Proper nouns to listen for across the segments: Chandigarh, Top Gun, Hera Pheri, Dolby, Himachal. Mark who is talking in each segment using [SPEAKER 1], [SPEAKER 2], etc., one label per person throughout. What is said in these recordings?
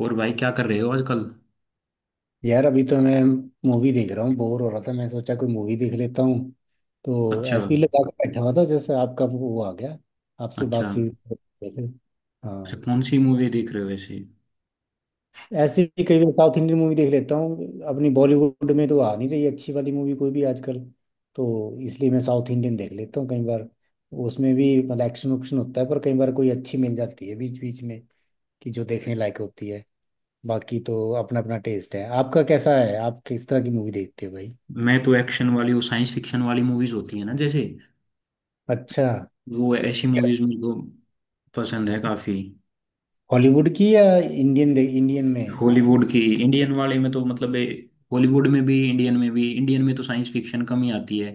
[SPEAKER 1] और भाई क्या कर रहे हो आजकल।
[SPEAKER 2] यार अभी तो मैं मूवी देख रहा हूँ। बोर हो रहा था मैं सोचा कोई मूवी देख लेता हूँ। तो
[SPEAKER 1] अच्छा।
[SPEAKER 2] ऐसे ही लगा के बैठा हुआ था जैसे आपका वो आ गया। आपसे
[SPEAKER 1] अच्छा।
[SPEAKER 2] बातचीत करते थे।
[SPEAKER 1] अच्छा,
[SPEAKER 2] हाँ।
[SPEAKER 1] कौन सी मूवी देख रहे हो वैसे।
[SPEAKER 2] ऐसे ही कई बार साउथ इंडियन मूवी देख लेता हूँ। अपनी बॉलीवुड में तो आ नहीं रही अच्छी वाली मूवी कोई भी आजकल। तो इसलिए मैं साउथ इंडियन देख लेता हूँ कई बार। उसमें भी मतलब एक्शन उक्शन होता है पर कई बार कोई अच्छी मिल जाती है बीच बीच में कि जो देखने लायक होती है। बाकी तो अपना अपना टेस्ट है। आपका कैसा है, आप किस तरह की मूवी देखते हो भाई?
[SPEAKER 1] मैं तो एक्शन वाली, वो साइंस फिक्शन वाली मूवीज होती है ना, जैसे
[SPEAKER 2] अच्छा।
[SPEAKER 1] वो ऐसी मूवीज मेरे को पसंद है काफी।
[SPEAKER 2] हॉलीवुड की या इंडियन में?
[SPEAKER 1] हॉलीवुड की। इंडियन वाले में तो मतलब हॉलीवुड में भी, इंडियन में भी। इंडियन में तो साइंस फिक्शन कम ही आती है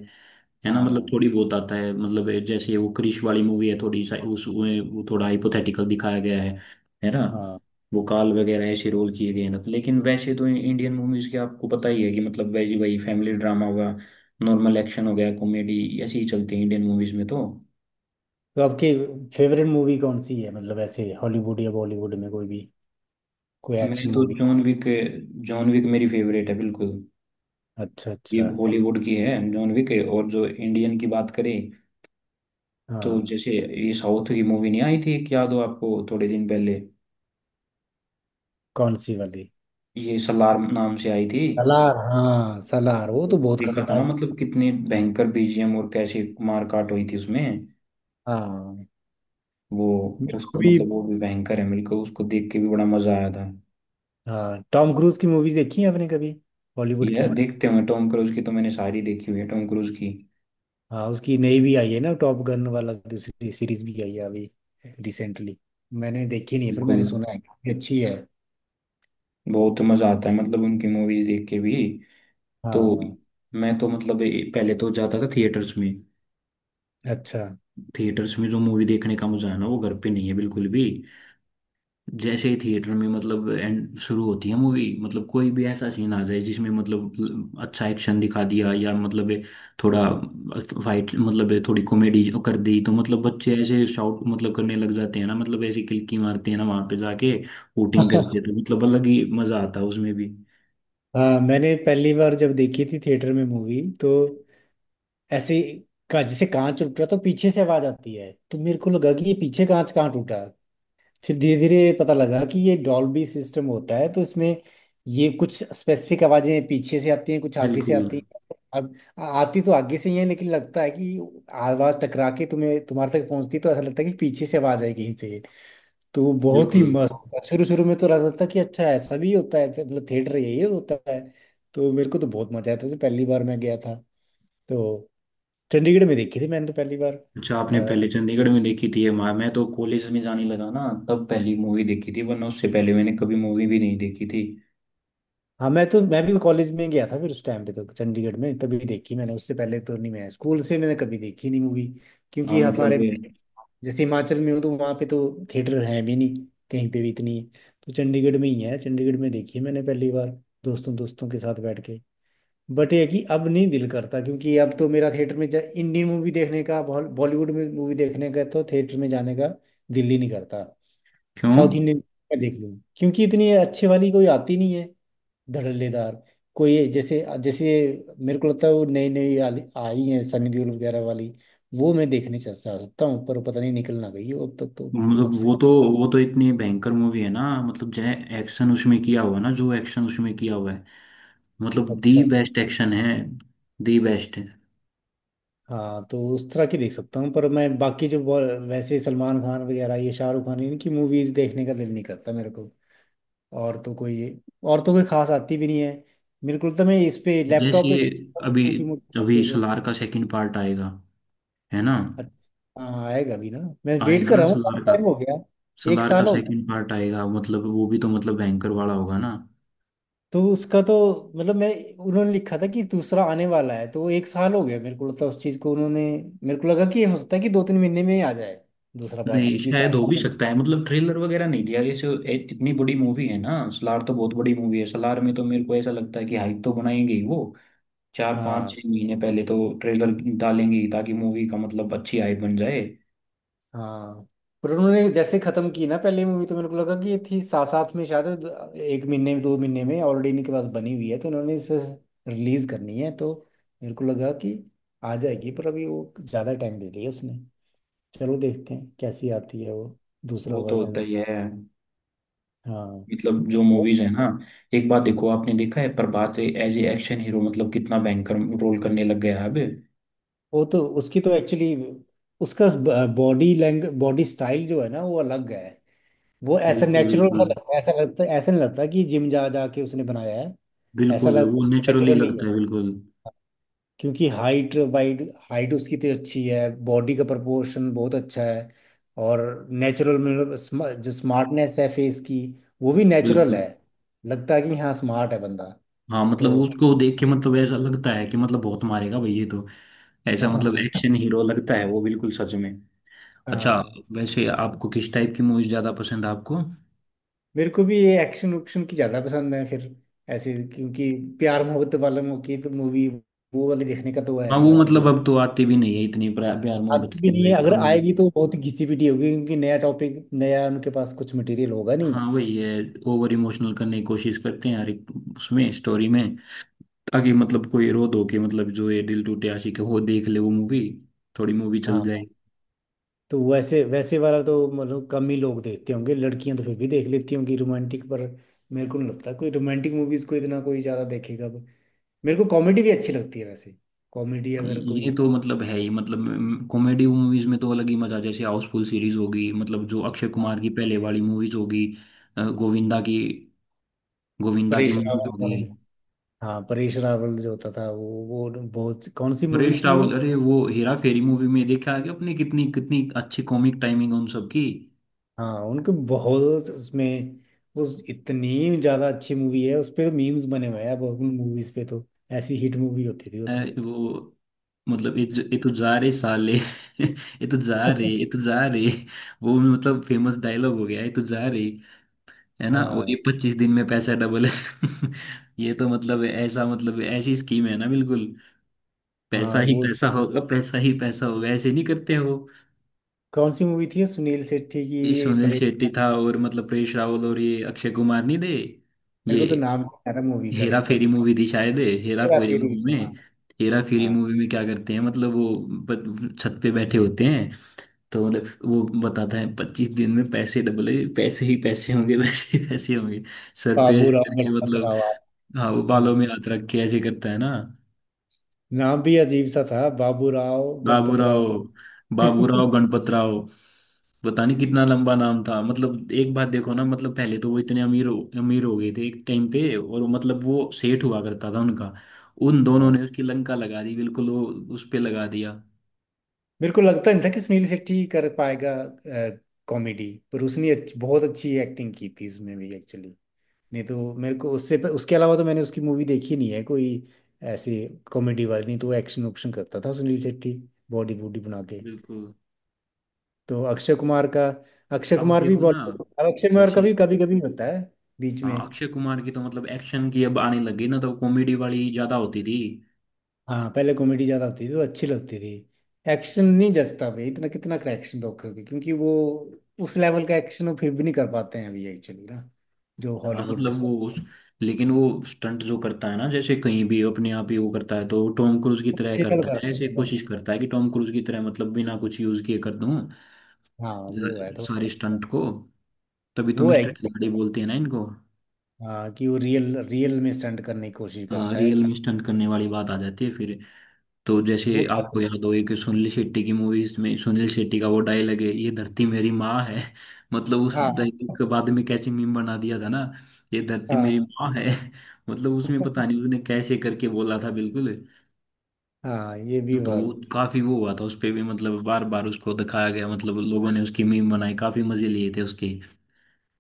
[SPEAKER 1] है ना। मतलब
[SPEAKER 2] हाँ।
[SPEAKER 1] थोड़ी बहुत आता है, मतलब ये जैसे वो क्रिश वाली मूवी है, थोड़ी सा उसमें वो थोड़ा हाइपोथेटिकल दिखाया गया है ना।
[SPEAKER 2] हाँ।
[SPEAKER 1] वो काल वगैरह ऐसे रोल किए गए हैं ना, तो लेकिन वैसे तो इंडियन मूवीज के आपको पता ही है कि मतलब वैसे वही फैमिली ड्रामा हुआ, नॉर्मल एक्शन हो गया, कॉमेडी, ऐसे ही चलते हैं इंडियन मूवीज में तो।
[SPEAKER 2] तो आपकी फेवरेट मूवी कौन सी है, मतलब ऐसे हॉलीवुड या बॉलीवुड में कोई भी, कोई
[SPEAKER 1] मैं
[SPEAKER 2] एक्शन
[SPEAKER 1] तो
[SPEAKER 2] movie?
[SPEAKER 1] John Wick, John Wick मेरी फेवरेट है बिल्कुल।
[SPEAKER 2] अच्छा,
[SPEAKER 1] ये
[SPEAKER 2] अच्छा।
[SPEAKER 1] हॉलीवुड की है, जॉन विक है। और जो इंडियन की बात करें, तो
[SPEAKER 2] हाँ।
[SPEAKER 1] जैसे ये साउथ की मूवी नहीं आई थी एक, याद हो आपको, थोड़े दिन पहले,
[SPEAKER 2] कौन सी वाली?
[SPEAKER 1] ये सलार नाम से आई थी।
[SPEAKER 2] सलार, हाँ सलार वो
[SPEAKER 1] तो
[SPEAKER 2] तो बहुत
[SPEAKER 1] देखा था ना,
[SPEAKER 2] खतरनाक।
[SPEAKER 1] मतलब कितनी भयंकर बीजीएम और कैसी मारकाट हुई थी उसमें।
[SPEAKER 2] हाँ,
[SPEAKER 1] वो
[SPEAKER 2] मेरे को
[SPEAKER 1] उसको
[SPEAKER 2] भी।
[SPEAKER 1] मतलब, वो भी भयंकर है मिलकर, उसको देख के भी बड़ा मजा आया था।
[SPEAKER 2] हाँ, टॉम क्रूज की मूवीज देखी है आपने कभी, बॉलीवुड
[SPEAKER 1] ये
[SPEAKER 2] की?
[SPEAKER 1] देखते होंगे टॉम क्रूज की, तो मैंने सारी देखी हुई है टॉम क्रूज की।
[SPEAKER 2] हाँ उसकी नई भी आई है ना, टॉप गन वाला दूसरी सीरीज भी आई है अभी रिसेंटली। मैंने देखी नहीं है, पर मैंने
[SPEAKER 1] बिल्कुल।
[SPEAKER 2] सुना है काफी अच्छी है।
[SPEAKER 1] बहुत मजा आता है मतलब उनकी मूवीज देख के भी। तो
[SPEAKER 2] हाँ।
[SPEAKER 1] मैं तो मतलब पहले तो जाता था थिएटर्स में।
[SPEAKER 2] अच्छा।
[SPEAKER 1] थिएटर्स में जो मूवी देखने का मजा है ना, वो घर पे नहीं है बिल्कुल भी। जैसे ही थिएटर में मतलब एंड शुरू होती है मूवी, मतलब कोई भी ऐसा सीन आ जाए जिसमें मतलब अच्छा एक्शन दिखा दिया, या मतलब ये थोड़ा फाइट, मतलब ये थोड़ी कॉमेडी कर दी, तो मतलब बच्चे ऐसे शाउट मतलब करने लग जाते हैं ना, मतलब ऐसी किल्की मारते हैं ना वहां पे जाके, वोटिंग करते हैं, तो मतलब अलग ही मजा आता है उसमें भी।
[SPEAKER 2] हाँ मैंने पहली बार जब देखी थी थिएटर में मूवी तो ऐसे का जैसे कांच टूट रहा तो पीछे से आवाज आती है तो मेरे को लगा कि ये पीछे कांच कहाँ टूटा। फिर धीरे धीरे पता लगा कि ये डॉल्बी सिस्टम होता है तो इसमें ये कुछ स्पेसिफिक आवाजें पीछे से आती हैं, कुछ आगे से
[SPEAKER 1] बिल्कुल,
[SPEAKER 2] आती हैं। अब आती तो आगे से ही है लेकिन लगता है कि आवाज टकरा के तुम्हें तुम्हारे तक पहुंचती तो ऐसा लगता है कि पीछे से आवाज आई कहीं से। तो वो बहुत ही
[SPEAKER 1] बिल्कुल।
[SPEAKER 2] मस्त था, शुरू शुरू में तो लगता था कि अच्छा ऐसा भी होता है तो मतलब थिएटर यही होता है। तो मेरे को तो बहुत मजा आया था जब पहली बार मैं गया था। तो चंडीगढ़ में देखी थी मैंने तो पहली बार।
[SPEAKER 1] अच्छा, आपने
[SPEAKER 2] आ,
[SPEAKER 1] पहले चंडीगढ़ में देखी थी ये माँ? मैं तो कॉलेज में जाने लगा ना, तब पहली मूवी देखी थी, वरना उससे पहले मैंने कभी मूवी भी नहीं देखी थी।
[SPEAKER 2] हाँ मैं भी तो कॉलेज में गया था फिर उस टाइम पे तो चंडीगढ़ में तभी देखी मैंने, उससे पहले तो नहीं। मैं स्कूल से मैंने कभी देखी नहीं मूवी
[SPEAKER 1] हाँ
[SPEAKER 2] क्योंकि
[SPEAKER 1] मतलब
[SPEAKER 2] हमारे जैसे हिमाचल में हो तो वहाँ पे तो थिएटर है भी नहीं कहीं पे भी इतनी। तो चंडीगढ़ में ही है, चंडीगढ़ में देखी है मैंने पहली बार, दोस्तों दोस्तों के साथ बैठ के। बट ये कि अब नहीं दिल करता क्योंकि अब तो मेरा थिएटर में इंडियन मूवी देखने का बॉलीवुड में मूवी देखने का तो थिएटर में जाने का दिल ही नहीं करता।
[SPEAKER 1] क्यों?
[SPEAKER 2] साउथ इंडियन में देख लूँ क्योंकि इतनी अच्छे वाली कोई आती नहीं है धड़ल्लेदार कोई। जैसे जैसे मेरे को लगता है वो नई नई आई हैं सनी देओल वगैरह वाली, वो मैं देखने चल जा सकता हूँ पर पता नहीं निकल ना गई हो अब तक तो, कब
[SPEAKER 1] मतलब
[SPEAKER 2] से।
[SPEAKER 1] वो तो इतनी भयंकर मूवी है ना, मतलब जो एक्शन उसमें किया हुआ है, मतलब दी
[SPEAKER 2] अच्छा।
[SPEAKER 1] बेस्ट एक्शन है। दी बेस्ट है।
[SPEAKER 2] हाँ तो उस तरह की देख सकता हूँ पर मैं बाकी जो वैसे सलमान खान वगैरह, ये शाहरुख खान, इनकी मूवीज देखने का दिल नहीं करता मेरे को। और तो कोई और तो कोई खास आती भी नहीं है। मेरे को तो मैं इस पे
[SPEAKER 1] जैसे
[SPEAKER 2] लैपटॉप पे देखता
[SPEAKER 1] अभी
[SPEAKER 2] हूँ छोटी मोटी
[SPEAKER 1] अभी
[SPEAKER 2] ये तो।
[SPEAKER 1] सलार का सेकंड पार्ट आएगा, है ना।
[SPEAKER 2] अच्छा, हाँ आएगा भी ना। मैं वेट
[SPEAKER 1] आएगा
[SPEAKER 2] कर
[SPEAKER 1] ना
[SPEAKER 2] रहा हूँ, काफी
[SPEAKER 1] सलार का।
[SPEAKER 2] टाइम हो गया। एक
[SPEAKER 1] सलार का
[SPEAKER 2] साल हो गया
[SPEAKER 1] सेकंड पार्ट आएगा, मतलब वो भी तो मतलब भयंकर वाला होगा ना।
[SPEAKER 2] तो उसका तो मतलब मैं, उन्होंने लिखा था कि दूसरा आने वाला है तो 1 साल हो गया मेरे को लगता है उस चीज़ को उन्होंने। मेरे को लगा कि हो सकता है कि 2-3 महीने में ही आ जाए दूसरा पार्ट
[SPEAKER 1] नहीं
[SPEAKER 2] भी कि
[SPEAKER 1] शायद हो भी
[SPEAKER 2] साथ।
[SPEAKER 1] सकता है, मतलब ट्रेलर वगैरह नहीं दिया जैसे इतनी बड़ी मूवी है ना सलार तो, बहुत बड़ी मूवी है सलार में तो, मेरे को ऐसा लगता है कि हाइप तो बनाएंगे ही वो। चार पाँच
[SPEAKER 2] हाँ।
[SPEAKER 1] छः महीने पहले तो ट्रेलर डालेंगे ही, ताकि मूवी का मतलब अच्छी हाइप बन जाए।
[SPEAKER 2] हाँ। पर उन्होंने जैसे खत्म की ना पहले मूवी तो मेरे को लगा कि ये थी साथ साथ में शायद, 1-2 महीने में ऑलरेडी इनके पास बनी हुई है तो उन्होंने इसे रिलीज करनी है तो मेरे को लगा कि आ जाएगी, पर अभी वो ज्यादा टाइम दे दिया उसने। चलो देखते हैं कैसी आती है वो दूसरा
[SPEAKER 1] वो तो
[SPEAKER 2] वर्जन
[SPEAKER 1] होता
[SPEAKER 2] उस।
[SPEAKER 1] ही है।
[SPEAKER 2] हाँ
[SPEAKER 1] मतलब जो मूवीज है ना, एक बात देखो, आपने देखा है Prabhas as a action hero, मतलब कितना भयंकर रोल करने लग गया है अब।
[SPEAKER 2] वो तो उसकी तो एक्चुअली, उसका बॉडी स्टाइल जो है ना वो अलग है। वो ऐसा
[SPEAKER 1] बिल्कुल,
[SPEAKER 2] नेचुरल
[SPEAKER 1] बिल्कुल।
[SPEAKER 2] सा लगता है, ऐसा लगता है, ऐसा नहीं लगता कि जिम जा जा के उसने बनाया है। ऐसा
[SPEAKER 1] बिल्कुल
[SPEAKER 2] लगता
[SPEAKER 1] वो
[SPEAKER 2] है
[SPEAKER 1] नेचुरली
[SPEAKER 2] नेचुरली
[SPEAKER 1] लगता है, बिल्कुल।
[SPEAKER 2] क्योंकि हाइट वाइट, हाइट उसकी तो अच्छी है, बॉडी का proportion बहुत अच्छा है। और नेचुरल मतलब जो स्मार्टनेस है फेस की वो भी नेचुरल
[SPEAKER 1] बिल्कुल
[SPEAKER 2] है। लगता है कि हाँ, स्मार्ट है बंदा।
[SPEAKER 1] हाँ मतलब
[SPEAKER 2] तो।
[SPEAKER 1] उसको देख के मतलब ऐसा लगता है कि मतलब बहुत मारेगा भाई ये तो। ऐसा मतलब
[SPEAKER 2] हाँ।
[SPEAKER 1] एक्शन हीरो लगता है वो बिल्कुल, सच में। अच्छा,
[SPEAKER 2] हाँ।
[SPEAKER 1] वैसे आपको किस टाइप की मूवीज ज्यादा पसंद है आपको?
[SPEAKER 2] मेरे को भी ये एक्शन उक्शन की ज़्यादा पसंद है फिर ऐसे, क्योंकि प्यार मोहब्बत वाले की तो मूवी, वो वाली देखने का तो है
[SPEAKER 1] हाँ वो
[SPEAKER 2] नहीं अभी,
[SPEAKER 1] मतलब
[SPEAKER 2] नहीं।
[SPEAKER 1] अब तो आती भी नहीं है इतनी प्यार मोहब्बत
[SPEAKER 2] आती भी
[SPEAKER 1] की,
[SPEAKER 2] नहीं है,
[SPEAKER 1] वही
[SPEAKER 2] अगर
[SPEAKER 1] कम नहीं।
[SPEAKER 2] आएगी तो बहुत ही घिसी पिटी होगी क्योंकि नया टॉपिक, नया उनके पास कुछ मटेरियल होगा नहीं।
[SPEAKER 1] हाँ वही है। ओवर इमोशनल करने की कोशिश करते हैं हर एक उसमें स्टोरी में, ताकि मतलब कोई रो धो के मतलब जो ये दिल टूटे आशिक है वो देख ले वो मूवी, थोड़ी मूवी चल
[SPEAKER 2] हाँ।
[SPEAKER 1] जाए।
[SPEAKER 2] तो वैसे वैसे वाला तो मतलब कम ही लोग देखते होंगे। लड़कियां तो फिर भी देख लेती होंगी रोमांटिक, पर मेरे को नहीं लगता कोई रोमांटिक मूवीज को इतना कोई ज्यादा देखेगा अब। मेरे को कॉमेडी भी अच्छी लगती है वैसे, कॉमेडी
[SPEAKER 1] हाँ,
[SPEAKER 2] अगर कोई।
[SPEAKER 1] ये तो मतलब है ही, मतलब कॉमेडी मूवीज में तो अलग ही मजा है। जैसे हाउसफुल सीरीज होगी, मतलब जो अक्षय
[SPEAKER 2] हाँ,
[SPEAKER 1] कुमार की पहले वाली मूवीज होगी, अ, गोविंदा की गोविंदा की
[SPEAKER 2] परेश
[SPEAKER 1] मूवीज
[SPEAKER 2] रावल
[SPEAKER 1] होगी।
[SPEAKER 2] वाली। हाँ परेश रावल जो होता था वो बहुत, कौन सी मूवी
[SPEAKER 1] परेश
[SPEAKER 2] थी
[SPEAKER 1] रावल,
[SPEAKER 2] वो?
[SPEAKER 1] अरे वो हेरा फेरी मूवी में देखा है कि, अपने कितनी कितनी अच्छी कॉमिक टाइमिंग उन सब की।
[SPEAKER 2] हाँ उनके बहुत उसमें उस, इतनी ज्यादा अच्छी मूवी है, उस पे तो मीम्स बने हुए हैं अब उन मूवीज पे तो। ऐसी हिट मूवी होती थी वो
[SPEAKER 1] अ,
[SPEAKER 2] तो।
[SPEAKER 1] वो, मतलब ये ये तो जा रे साले ये तो जा रे, ये तो जा रे, वो मतलब फेमस डायलॉग हो गया, ये तो जा रे, है ना। और ये
[SPEAKER 2] हाँ।
[SPEAKER 1] 25 दिन में पैसा डबल है ये तो मतलब ऐसा, मतलब ऐसी स्कीम है ना बिल्कुल। पैसा
[SPEAKER 2] हाँ
[SPEAKER 1] ही
[SPEAKER 2] वो
[SPEAKER 1] पैसा होगा, पैसा ही पैसा होगा, ऐसे नहीं करते हैं वो।
[SPEAKER 2] कौन सी मूवी थी ये? सुनील शेट्टी
[SPEAKER 1] ये
[SPEAKER 2] की
[SPEAKER 1] सुनील
[SPEAKER 2] परे।
[SPEAKER 1] शेट्टी था और मतलब परेश रावल, और ये अक्षय कुमार नहीं थे।
[SPEAKER 2] मेरे को तो
[SPEAKER 1] ये
[SPEAKER 2] नाम नहीं आ रहा मूवी का
[SPEAKER 1] हेरा
[SPEAKER 2] इसका।
[SPEAKER 1] फेरी मूवी थी शायद। हेरा
[SPEAKER 2] हेरा
[SPEAKER 1] फेरी
[SPEAKER 2] फेरी,
[SPEAKER 1] मूवी
[SPEAKER 2] हाँ।
[SPEAKER 1] में हेरा फेरी
[SPEAKER 2] हाँ।
[SPEAKER 1] मूवी में क्या करते हैं मतलब वो, छत पे बैठे होते हैं, तो मतलब वो बताता है 25 दिन में पैसे डबल है, पैसे ही पैसे होंगे वैसे ही पैसे होंगे, सर पे
[SPEAKER 2] बाबू
[SPEAKER 1] ऐसे
[SPEAKER 2] राव
[SPEAKER 1] करके
[SPEAKER 2] गणपत
[SPEAKER 1] मतलब।
[SPEAKER 2] राव।
[SPEAKER 1] हाँ वो
[SPEAKER 2] हाँ,
[SPEAKER 1] बालों में हाथ रख के ऐसे करता है ना।
[SPEAKER 2] नाम भी अजीब सा था, बाबू राव गणपत राव।
[SPEAKER 1] बाबूराव, बाबूराव गणपतराव, पता नहीं कितना लंबा नाम था। मतलब एक बात देखो ना, मतलब पहले तो वो इतने अमीर हो गए थे एक टाइम पे, और मतलब वो सेठ हुआ करता था उनका, उन दोनों
[SPEAKER 2] हाँ
[SPEAKER 1] ने उसकी लंका लगा दी बिल्कुल। वो उस पे लगा दिया।
[SPEAKER 2] मेरे को लगता नहीं था कि सुनील शेट्टी कर पाएगा कॉमेडी, पर उसने बहुत अच्छी एक्टिंग की थी इसमें भी एक्चुअली। नहीं तो मेरे को उससे उसके अलावा तो मैंने उसकी मूवी देखी नहीं है कोई ऐसे कॉमेडी वाली। नहीं तो एक्शन ऑप्शन करता था सुनील शेट्टी बॉडी बूडी बना के।
[SPEAKER 1] बिल्कुल।
[SPEAKER 2] तो अक्षय
[SPEAKER 1] अब
[SPEAKER 2] कुमार भी
[SPEAKER 1] देखो ना,
[SPEAKER 2] बॉलीवुड, अब अक्षय कुमार का
[SPEAKER 1] जैसे
[SPEAKER 2] भी कभी कभी होता है बीच में।
[SPEAKER 1] हाँ, अक्षय कुमार की तो मतलब एक्शन की अब आने लगी ना, तो कॉमेडी वाली ज्यादा होती थी।
[SPEAKER 2] हाँ पहले कॉमेडी ज्यादा होती थी तो अच्छी लगती थी। एक्शन नहीं जचता भाई, इतना कितना का एक्शन दोगे, क्योंकि वो उस लेवल का एक्शन वो फिर भी नहीं कर पाते हैं अभी एक्चुअली ना, जो
[SPEAKER 1] हाँ
[SPEAKER 2] हॉलीवुड
[SPEAKER 1] मतलब
[SPEAKER 2] सब
[SPEAKER 1] वो, लेकिन वो स्टंट जो करता है ना, जैसे कहीं भी अपने आप ही वो करता है, तो टॉम क्रूज की तरह
[SPEAKER 2] डिजिटल
[SPEAKER 1] करता है,
[SPEAKER 2] करते
[SPEAKER 1] ऐसे
[SPEAKER 2] हैं बड़ा।
[SPEAKER 1] कोशिश करता है कि टॉम क्रूज की तरह मतलब बिना कुछ यूज किए कर दूं
[SPEAKER 2] हाँ वो है थोड़ा सा
[SPEAKER 1] सारे
[SPEAKER 2] उसका।
[SPEAKER 1] स्टंट को, तभी तो
[SPEAKER 2] वो है
[SPEAKER 1] मिस्टर
[SPEAKER 2] कि
[SPEAKER 1] खिलाड़ी बोलते हैं ना इनको।
[SPEAKER 2] हाँ कि वो रियल रियल में स्टंट करने की कोशिश
[SPEAKER 1] हाँ
[SPEAKER 2] करता है।
[SPEAKER 1] रियल में स्टंट करने वाली बात आ जाती है फिर। तो जैसे
[SPEAKER 2] वो।
[SPEAKER 1] आपको याद हो, एक सुनील शेट्टी की मूवीज में सुनील शेट्टी का वो डायलॉग है, ये धरती मेरी माँ है मतलब उस
[SPEAKER 2] हाँ।
[SPEAKER 1] डायलॉग के बाद में कैसे मीम बना दिया था ना, ये धरती मेरी
[SPEAKER 2] हाँ।
[SPEAKER 1] माँ है मतलब उसमें पता नहीं उसने कैसे करके बोला था बिल्कुल।
[SPEAKER 2] हाँ, ये भी
[SPEAKER 1] तो वो
[SPEAKER 2] बात।
[SPEAKER 1] काफी वो हुआ था उस पे भी, मतलब बार बार उसको दिखाया गया, मतलब लोगों ने उसकी मीम बनाई, काफी मजे लिए थे उसके।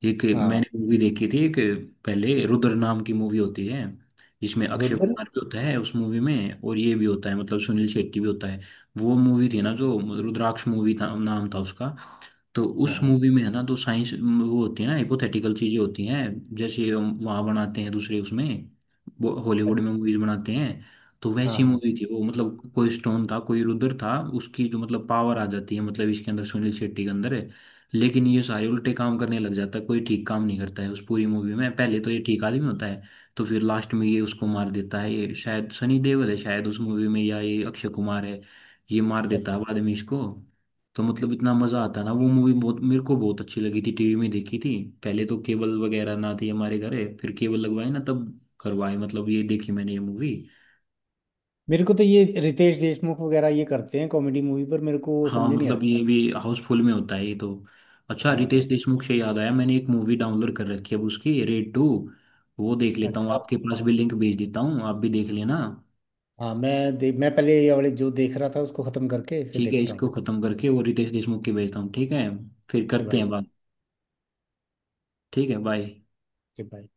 [SPEAKER 1] एक
[SPEAKER 2] हाँ।
[SPEAKER 1] मैंने मूवी देखी थी एक, पहले रुद्र नाम की मूवी होती है, जिसमें अक्षय
[SPEAKER 2] रुद्र।
[SPEAKER 1] कुमार भी होता है उस मूवी में, और ये भी होता है मतलब सुनील शेट्टी भी होता है। वो मूवी थी ना जो रुद्राक्ष, मूवी था नाम था उसका। तो
[SPEAKER 2] हाँ।
[SPEAKER 1] उस
[SPEAKER 2] हाँ।
[SPEAKER 1] मूवी में है ना, तो साइंस वो होती है ना हिपोथेटिकल चीजें होती हैं, जैसे हम वहाँ बनाते हैं दूसरे उसमें, वो
[SPEAKER 2] हाँ।
[SPEAKER 1] हॉलीवुड में मूवीज बनाते हैं, तो वैसी
[SPEAKER 2] हाँ।
[SPEAKER 1] मूवी थी वो। मतलब कोई स्टोन था कोई रुद्र था, उसकी जो मतलब पावर आ जाती है, मतलब इसके अंदर सुनील शेट्टी के अंदर है, लेकिन ये सारे उल्टे काम करने लग जाता है, कोई ठीक काम नहीं करता है उस पूरी मूवी में, पहले तो ये ठीक आदमी होता है, तो फिर लास्ट में ये उसको मार देता है, ये शायद सनी देओल है शायद उस मूवी में, या ये अक्षय कुमार है, ये मार
[SPEAKER 2] बट
[SPEAKER 1] देता है बाद में इसको। तो मतलब इतना मजा आता ना, वो मूवी बहुत मेरे को बहुत अच्छी लगी थी, टीवी में देखी थी। पहले तो केबल वगैरह ना थी हमारे घर, फिर केबल लगवाए ना तब करवाए मतलब, ये देखी मैंने ये मूवी।
[SPEAKER 2] मेरे को तो ये रितेश देशमुख वगैरह ये करते हैं कॉमेडी मूवी पर मेरे को
[SPEAKER 1] हाँ
[SPEAKER 2] समझ नहीं
[SPEAKER 1] मतलब
[SPEAKER 2] आता।
[SPEAKER 1] ये भी हाउसफुल में होता है ये तो। अच्छा रितेश
[SPEAKER 2] हाँ।
[SPEAKER 1] देशमुख से याद आया, मैंने एक मूवी डाउनलोड कर रखी है अब, उसकी रेड टू, वो देख लेता हूँ,
[SPEAKER 2] अच्छा।
[SPEAKER 1] आपके पास भी लिंक भेज देता हूँ, आप भी देख लेना।
[SPEAKER 2] हाँ मैं पहले ये वाले जो देख रहा था उसको खत्म करके फिर
[SPEAKER 1] ठीक है,
[SPEAKER 2] देखता हूँ
[SPEAKER 1] इसको
[SPEAKER 2] फिर।
[SPEAKER 1] खत्म करके वो रितेश देशमुख की भेजता हूँ, ठीक है, फिर
[SPEAKER 2] के
[SPEAKER 1] करते हैं
[SPEAKER 2] भाई।
[SPEAKER 1] बात। ठीक है, बाय।
[SPEAKER 2] के भाई।